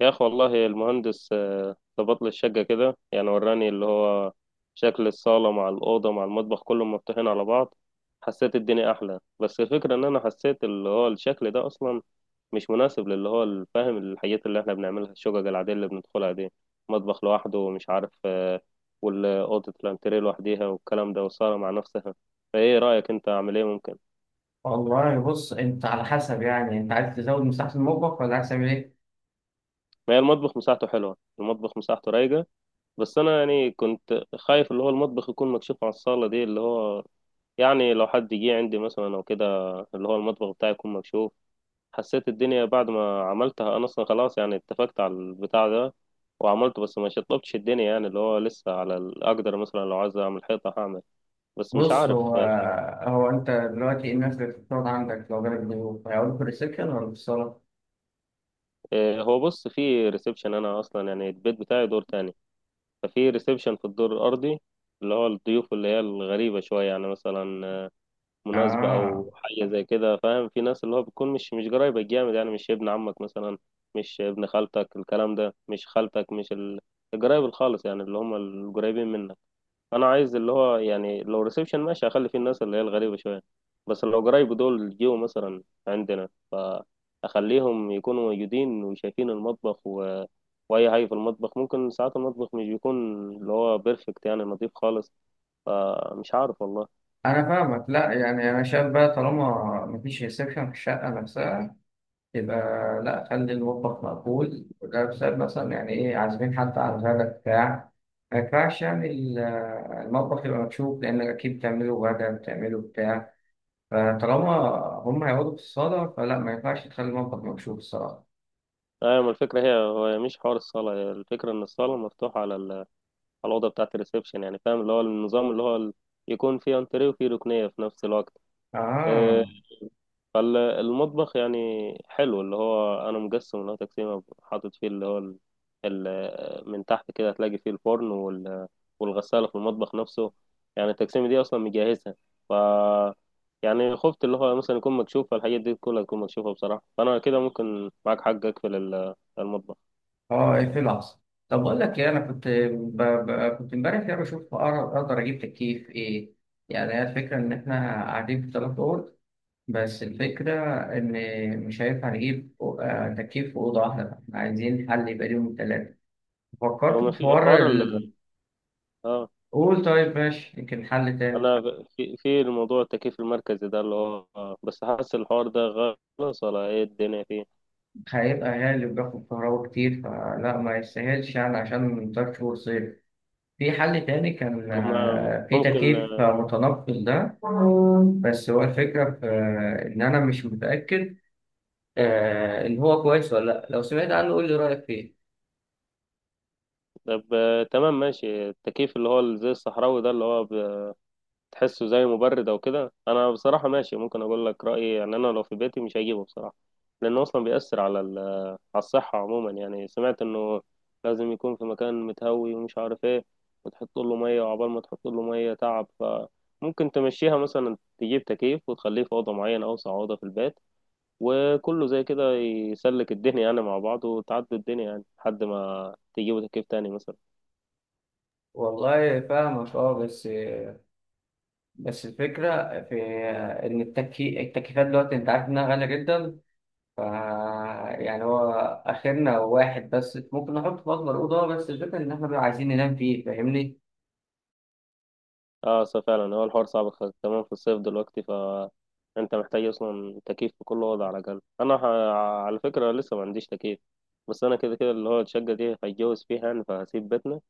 يا أخي والله المهندس ظبط لي الشقة كده، يعني وراني اللي هو شكل الصالة مع الأوضة مع المطبخ كلهم مفتوحين على بعض. حسيت الدنيا أحلى، بس الفكرة إن أنا حسيت اللي هو الشكل ده أصلا مش مناسب للي هو الفاهم الحاجات اللي إحنا بنعملها، الشقق العادية اللي بندخلها دي. مطبخ لوحده ومش عارف والأوضة الأنتريه لوحديها والكلام ده والصالة مع نفسها. فإيه رأيك أنت، أعمل إيه ممكن؟ والله، بص انت على حسب. يعني انت عايز تزود مساحة المطبخ ولا عايز تعمل ايه؟ ما هي المطبخ مساحته حلوة، المطبخ مساحته رايقة. بس انا يعني كنت خايف اللي هو المطبخ يكون مكشوف على الصالة دي، اللي هو يعني لو حد جه عندي مثلا او كده اللي هو المطبخ بتاعي يكون مكشوف. حسيت الدنيا بعد ما عملتها انا اصلا خلاص، يعني اتفقت على البتاع ده وعملته، بس ما شطبتش الدنيا، يعني اللي هو لسه على اقدر مثلا لو عايز اعمل حيطة هعمل. بس مش بص، عارف هو يعني. هو انت دلوقتي ايه الناس اللي بتقعد عندك؟ لو جالك ضيوف هيقعدوا في الريسبشن ولا في الصالة؟ إيه، هو بص، في ريسبشن، انا اصلا يعني البيت بتاعي دور تاني، ففي ريسبشن في الدور الارضي اللي هو الضيوف اللي هي الغريبة شوية، يعني مثلا مناسبة اه، أو حاجة زي كده، فاهم، في ناس اللي هو بتكون مش قرايبك جامد، يعني مش ابن عمك مثلا، مش ابن خالتك، الكلام ده، مش خالتك، مش القرايب الخالص، يعني اللي هم القريبين منك. أنا عايز اللي هو يعني لو ريسبشن ماشي، أخلي فيه الناس اللي هي الغريبة شوية، بس لو قرايب دول جيوا مثلا عندنا، فأخليهم يكونوا موجودين وشايفين المطبخ وأي حاجة في المطبخ. ممكن ساعات المطبخ مش بيكون اللي هو بيرفكت، يعني نظيف خالص. فمش عارف والله. انا فاهمك. لا يعني انا شايف بقى، طالما مفيش ريسبشن في الشقة نفسها يبقى لا، خلي المطبخ مقفول. وده بسبب مثلا، يعني ايه، عازمين حد على الغدا بتاع. ما ينفعش يعني المطبخ يبقى مكشوف، لأنك أكيد بتعمله غدا بتعمله بتاع. فطالما هم هيقعدوا في الصالة، فلا، ما ينفعش تخلي المطبخ مكشوف الصراحة. ايوه، ما الفكره هي هو مش حوار الصاله، هي الفكره ان الصاله مفتوحه على على الاوضه بتاعه الريسبشن، يعني فاهم اللي هو النظام اللي هو يكون فيه انتريه وفيه ركنيه في نفس الوقت. آه، آه، فالمطبخ يعني حلو، اللي هو انا مقسم اللي هو تقسيمه، حاطط فيه اللي هو من تحت كده هتلاقي فيه الفرن والغساله في المطبخ نفسه، يعني التقسيمه دي اصلا مجهزها. ف يعني خفت اللي هو مثلا يكون مكشوف، فالحاجات دي كلها تكون مكشوفه بصراحه، فانا كده ممكن معاك حق اقفل المطبخ. آه، اقفل العصر. طب أقول لك إيه، أنا كنت ب... ب... كنت إمبارح كده بشوف أقدر أجيب تكييف إيه. يعني هي الفكرة إن إحنا قاعدين في تلات أوض، بس الفكرة إن مش هينفع نجيب تكييف في أوضة واحدة. إحنا عايزين حل يبقى ليهم التلاتة. هو فكرت ما في في حوار حوار ال، اه، قول طيب ماشي، يمكن حل تاني. انا في الموضوع التكييف المركزي ده اللي هو بس حاسس الحوار ده غلط، ولا ايه الدنيا فيه؟ هيبقى غالي وبياخد كهرباء كتير، فلا ما يستاهلش يعني عشان تلات شهور صيف. في حل تاني كان، طب ما في ممكن تكييف آه، متنقل ده. بس هو الفكرة في إن أنا مش متأكد إن هو كويس ولا لأ. لو سمعت عنه قول لي رأيك فيه. طب تمام، ماشي. التكييف اللي هو زي الصحراوي ده، اللي هو بتحسه زي مبرد او كده. انا بصراحة ماشي، ممكن اقول لك رأيي، يعني انا لو في بيتي مش هجيبه بصراحة، لانه اصلا بيأثر على على الصحة عموما، يعني سمعت انه لازم يكون في مكان متهوي ومش عارف ايه، وتحط له مية، وعقبال ما تحط له مية تعب. فممكن تمشيها مثلا، تجيب تكييف وتخليه في أوضة معينة، أوسع أوضة في البيت، وكله زي كده يسلك الدنيا يعني مع بعض، وتعدي الدنيا يعني لحد ما تجيبوا تكييف تاني مثلا. والله فاهمك، أه، بس بس الفكرة في إن التكييفات دلوقتي أنت عارف إنها غالية جدا. ف يعني هو آخرنا واحد بس ممكن نحط في أكبر أوضة، بس الفكرة إن إحنا بقى عايزين ننام فيه، فاهمني؟ اه صح فعلا، هو الحوار صعب، كمان في الصيف دلوقتي، فانت محتاج اصلا تكييف في كل وضع على الاقل. انا على فكره لسه ما عنديش تكييف، بس انا كده كده اللي هو الشقه دي هيتجوز فيها يعني، فهسيب بيتنا،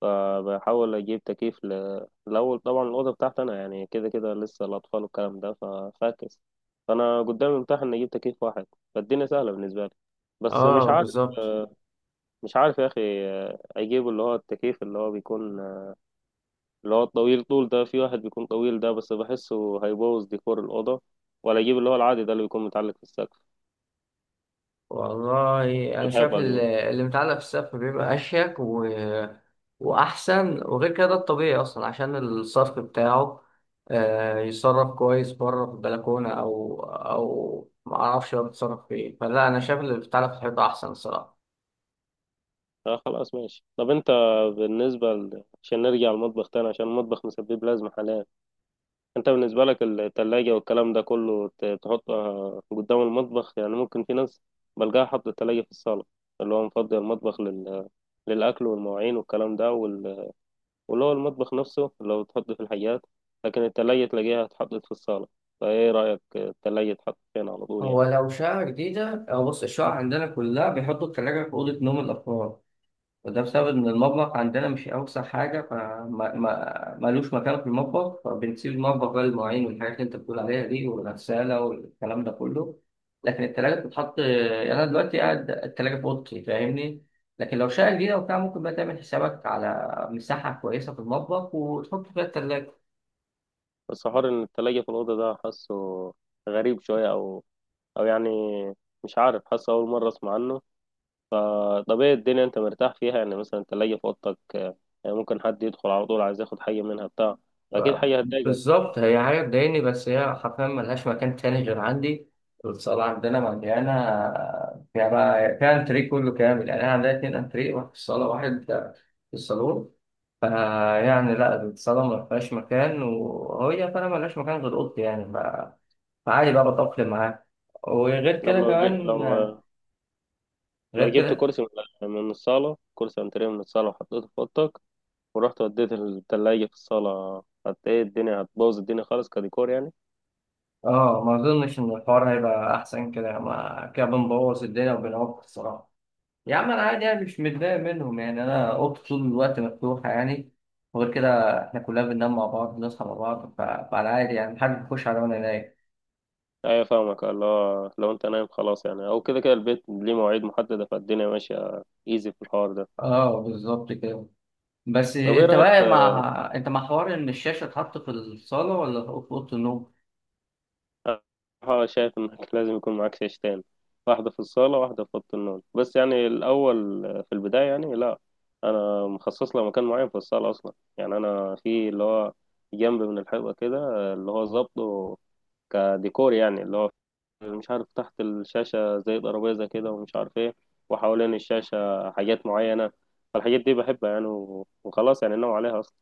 فبحاول اجيب تكييف الاول طبعا الاوضه بتاعتي انا، يعني كده كده لسه الاطفال والكلام ده ففاكس، فانا قدامي متاح ان اجيب تكييف واحد، فالدنيا سهله بالنسبه لي. بس مش اه عارف، بالظبط. مش عارف يا اخي، اجيب اللي هو التكييف اللي هو بيكون اللي هو الطويل طول ده، في واحد بيكون طويل ده بس بحسه هيبوظ ديكور الأوضة، ولا أجيب اللي هو العادي ده اللي بيكون متعلق في السقف، والله أنا شايف الحيطة دي. اللي متعلق في السقف بيبقى أشيك وأحسن. وغير كده ده الطبيعي أصلا، عشان الصرف بتاعه يتصرف كويس بره في البلكونة أو معرفش بقى بيتصرف فين. فلا أنا شايف اللي بيتعلق في الحيطة أحسن الصراحة. اه خلاص ماشي. طب انت بالنسبة عشان نرجع المطبخ تاني، عشان المطبخ مسبب لازمة حاليا، انت بالنسبة لك التلاجة والكلام ده كله، تحطها قدام المطبخ يعني؟ ممكن في ناس بلقاها حاطة التلاجة في الصالة، اللي هو مفضي المطبخ للأكل والمواعين والكلام ده واللي هو المطبخ نفسه لو تحط في الحاجات، لكن التلاجة تلاقيها اتحطت في الصالة. فايه رأيك التلاجة تحط فين على طول هو يعني؟ لو شقة جديدة أو، بص، الشقق عندنا كلها بيحطوا التلاجة في أوضة نوم الأفراد. وده بسبب إن المطبخ عندنا مش أوسع حاجة، فما ما ملوش مكان في المطبخ، فبنسيب المطبخ بقى للمواعين والحاجات اللي أنت بتقول عليها دي، والغسالة والكلام ده كله. لكن التلاجة بتتحط، يعني أنا دلوقتي قاعد التلاجة في أوضتي، فاهمني. لكن لو شقة جديدة وبتاع، ممكن بقى تعمل حسابك على مساحة كويسة في المطبخ وتحط فيها التلاجة. بس حوار ان التلاجة في الأوضة ده، حاسه غريب شوية، او او يعني مش عارف، حاسه أول مرة أسمع عنه. طب ايه الدنيا انت مرتاح فيها يعني، مثلا التلاجة في أوضتك يعني ممكن حد يدخل على طول عايز ياخد حاجة منها بتاع، أكيد حاجة هتضايقك. بالظبط، هي حاجة تضايقني، بس هي حرفيا ملهاش مكان تاني غير عندي. والصالة عندنا مليانة، فيها بقى فيها أنتريه كله كامل. يعني أنا عندنا اتنين أنتريه، واحد في الصالة واحد في الصالون. فيعني لأ، الصالة ملهاش مكان، وهي فعلا ملهاش مكان غير أوضتي يعني. فعادي بقى، بتأقلم معاها. وغير طب كده لو كمان، لو غير جبت كده. كرسي، من الصالة، كرسي أنتريه من الصالة، وحطيته في أوضتك، ورحت وديت التلاجة في الصالة، قد ايه الدنيا هتبوظ، الدنيا خالص كديكور يعني؟ اه، ما أظنش إن الحوار هيبقى أحسن كده، ما كده بنبوظ الدنيا وبنعوق الصراحة. يا عم انا عادي يعني، مش متضايق منهم يعني. انا اوضتي طول الوقت مفتوحه يعني. وغير كده احنا كلنا بننام مع بعض، بنصحى مع بعض. فانا عادي يعني، محدش بيخش عليا وانا نايم. ايوه فاهمك، اللي هو لو انت نايم خلاص يعني، او كده كده البيت ليه مواعيد محددة، فالدنيا ماشية ايزي في الحوار ده. اه، بالظبط كده. بس طب ايه انت رأيك في، بقى مع، انت مع حوار ان الشاشه اتحط في الصاله ولا في اوضه النوم؟ بصراحة شايف انك لازم يكون معاك شاشتين، واحدة في الصالة واحدة في أوضة النوم، بس يعني الأول، في البداية يعني لا، أنا مخصص له مكان معين في الصالة أصلا، يعني أنا في اللي هو جنب من الحيطة كده، اللي هو ظابطه كديكور يعني، اللي هو مش عارف، تحت الشاشة زي ترابيزة كده ومش عارف ايه، وحوالين الشاشة حاجات معينة، فالحاجات دي بحبها يعني، وخلاص يعني ناوي عليها أصلا.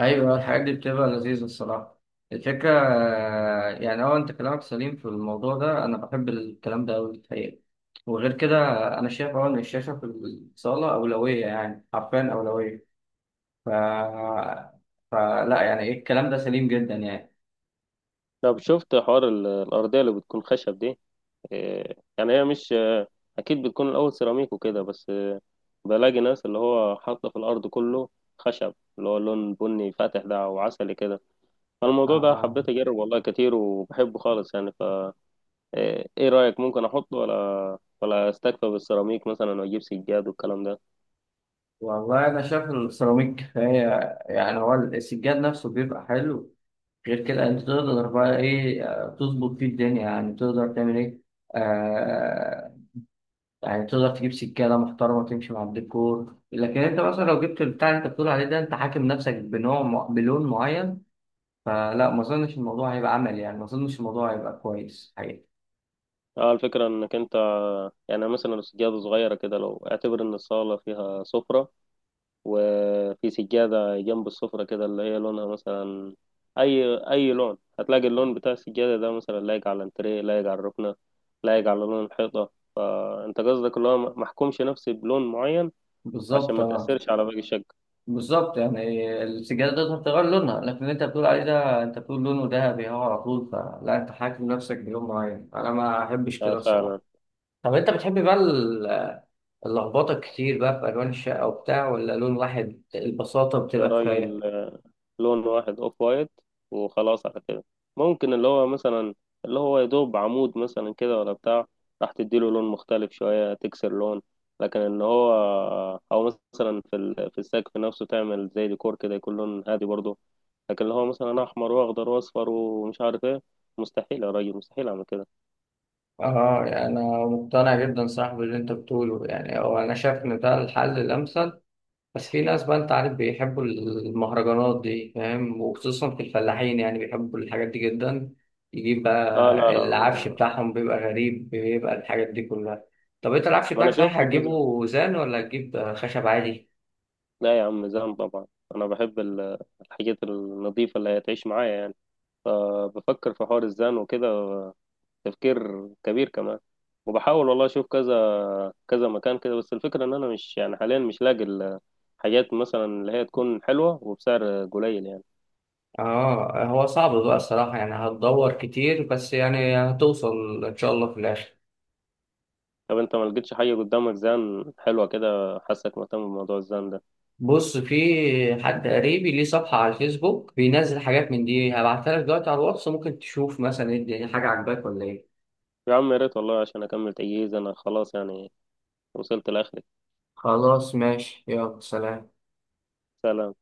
ايوه، الحاجات دي بتبقى لذيذه الصراحه. الفكره يعني اه انت كلامك سليم في الموضوع ده، انا بحب الكلام ده قوي الحقيقه. وغير كده انا شايف اه ان الشاشه في الصاله اولويه، يعني حرفيا اولويه. ف... فلا يعني ايه، الكلام ده سليم جدا يعني. طب شفت حوار الأرضية اللي بتكون خشب دي؟ إيه، يعني هي مش، أكيد بتكون الأول سيراميك وكده، بس بلاقي ناس اللي هو حاطة في الأرض كله خشب، اللي هو اللون بني فاتح ده أو عسلي كده. فالموضوع ده آه. حبيت أجرب والله كتير، وبحبه خالص يعني. ايه، إيه رأيك، ممكن احط؟ ولا استكفى بالسيراميك مثلا واجيب سجاد والكلام ده؟ والله انا شايف السيراميك كفايه. يعني هو السجاد نفسه بيبقى حلو. غير كده انت تقدر بقى ايه، تظبط فيه الدنيا، يعني تقدر تعمل ايه. آه. يعني تقدر تجيب سجاده محترمه تمشي مع الديكور، لكن انت مثلا لو جبت البتاع اللي انت بتقول عليه ده، انت حاكم نفسك بنوع بلون معين. فلا ما اظنش الموضوع هيبقى عملي، يعني ما اظنش الموضوع هيبقى كويس حقيقي. اه، الفكرة انك انت يعني مثلا السجادة صغيرة كده، لو اعتبر ان الصالة فيها سفرة، وفي سجادة جنب السفرة كده اللي هي لونها مثلا اي اي لون، هتلاقي اللون بتاع السجادة ده مثلا لايق على الانتريه، لايق على الركنة، لايق على لون الحيطة. فانت قصدك اللي هو محكومش نفسي بلون معين عشان بالظبط، ما آه. تأثرش على باقي الشقة. بالظبط، يعني السجادة تقدر تغير لونها، لكن اللي انت بتقول عليه ده، انت بتقول لونه ذهبي اهو على طول، فلا انت حاكم نفسك بيوم معين، انا ما احبش آه كده فعلا. الصراحة. طب انت بتحب بقى اللخبطة كتير بقى في الوان الشقة وبتاع، ولا لون واحد البساطة يا بتبقى راجل، كفاية؟ لون واحد اوف وايت وخلاص على كده. ممكن اللي هو مثلا اللي هو يدوب عمود مثلا كده ولا بتاع، راح تديله لون مختلف شوية تكسر لون، لكن ان هو او مثلا في في السقف نفسه تعمل زي ديكور كده، يكون لون هادي برضه، لكن اللي هو مثلا احمر واخضر واصفر ومش عارف ايه، مستحيل يا راجل، مستحيل اعمل كده. اه يعني انا مقتنع جدا صاحبي باللي انت بتقوله. يعني هو انا شايف ان ده الحل الامثل. بس في ناس بقى انت عارف بيحبوا المهرجانات دي، فاهم، وخصوصا في الفلاحين يعني بيحبوا الحاجات دي جدا. يجيب اه لا بقى لا العفش بتاعهم بيبقى غريب، بيبقى الحاجات دي كلها. طب انت العفش ما انا بتاعك شفت صحيح كده. هتجيبه زان ولا هتجيب خشب عادي؟ لا يا عم، زين طبعا، انا بحب الحاجات النظيفة اللي هتعيش معايا يعني، فبفكر في حوار الزان وكده تفكير كبير كمان، وبحاول والله اشوف كذا كذا مكان كده، بس الفكره ان انا مش يعني حاليا مش لاقي الحاجات مثلا اللي هي تكون حلوه وبسعر قليل يعني. اه هو صعب بقى الصراحة، يعني هتدور كتير بس يعني هتوصل ان شاء الله في الاخر. طب انت ما لقيتش حاجه قدامك زان حلوه كده؟ حاسك مهتم بموضوع الزان ده. بص، في حد قريبي ليه صفحة على الفيسبوك، بينزل حاجات من دي. هبعتها لك دلوقتي على الواتس، ممكن تشوف مثلا ايه الدنيا، حاجة عجباك ولا ايه. يا عم يا ريت والله، عشان اكمل تجهيز انا خلاص يعني، وصلت لاخري. خلاص ماشي، يلا سلام. سلام.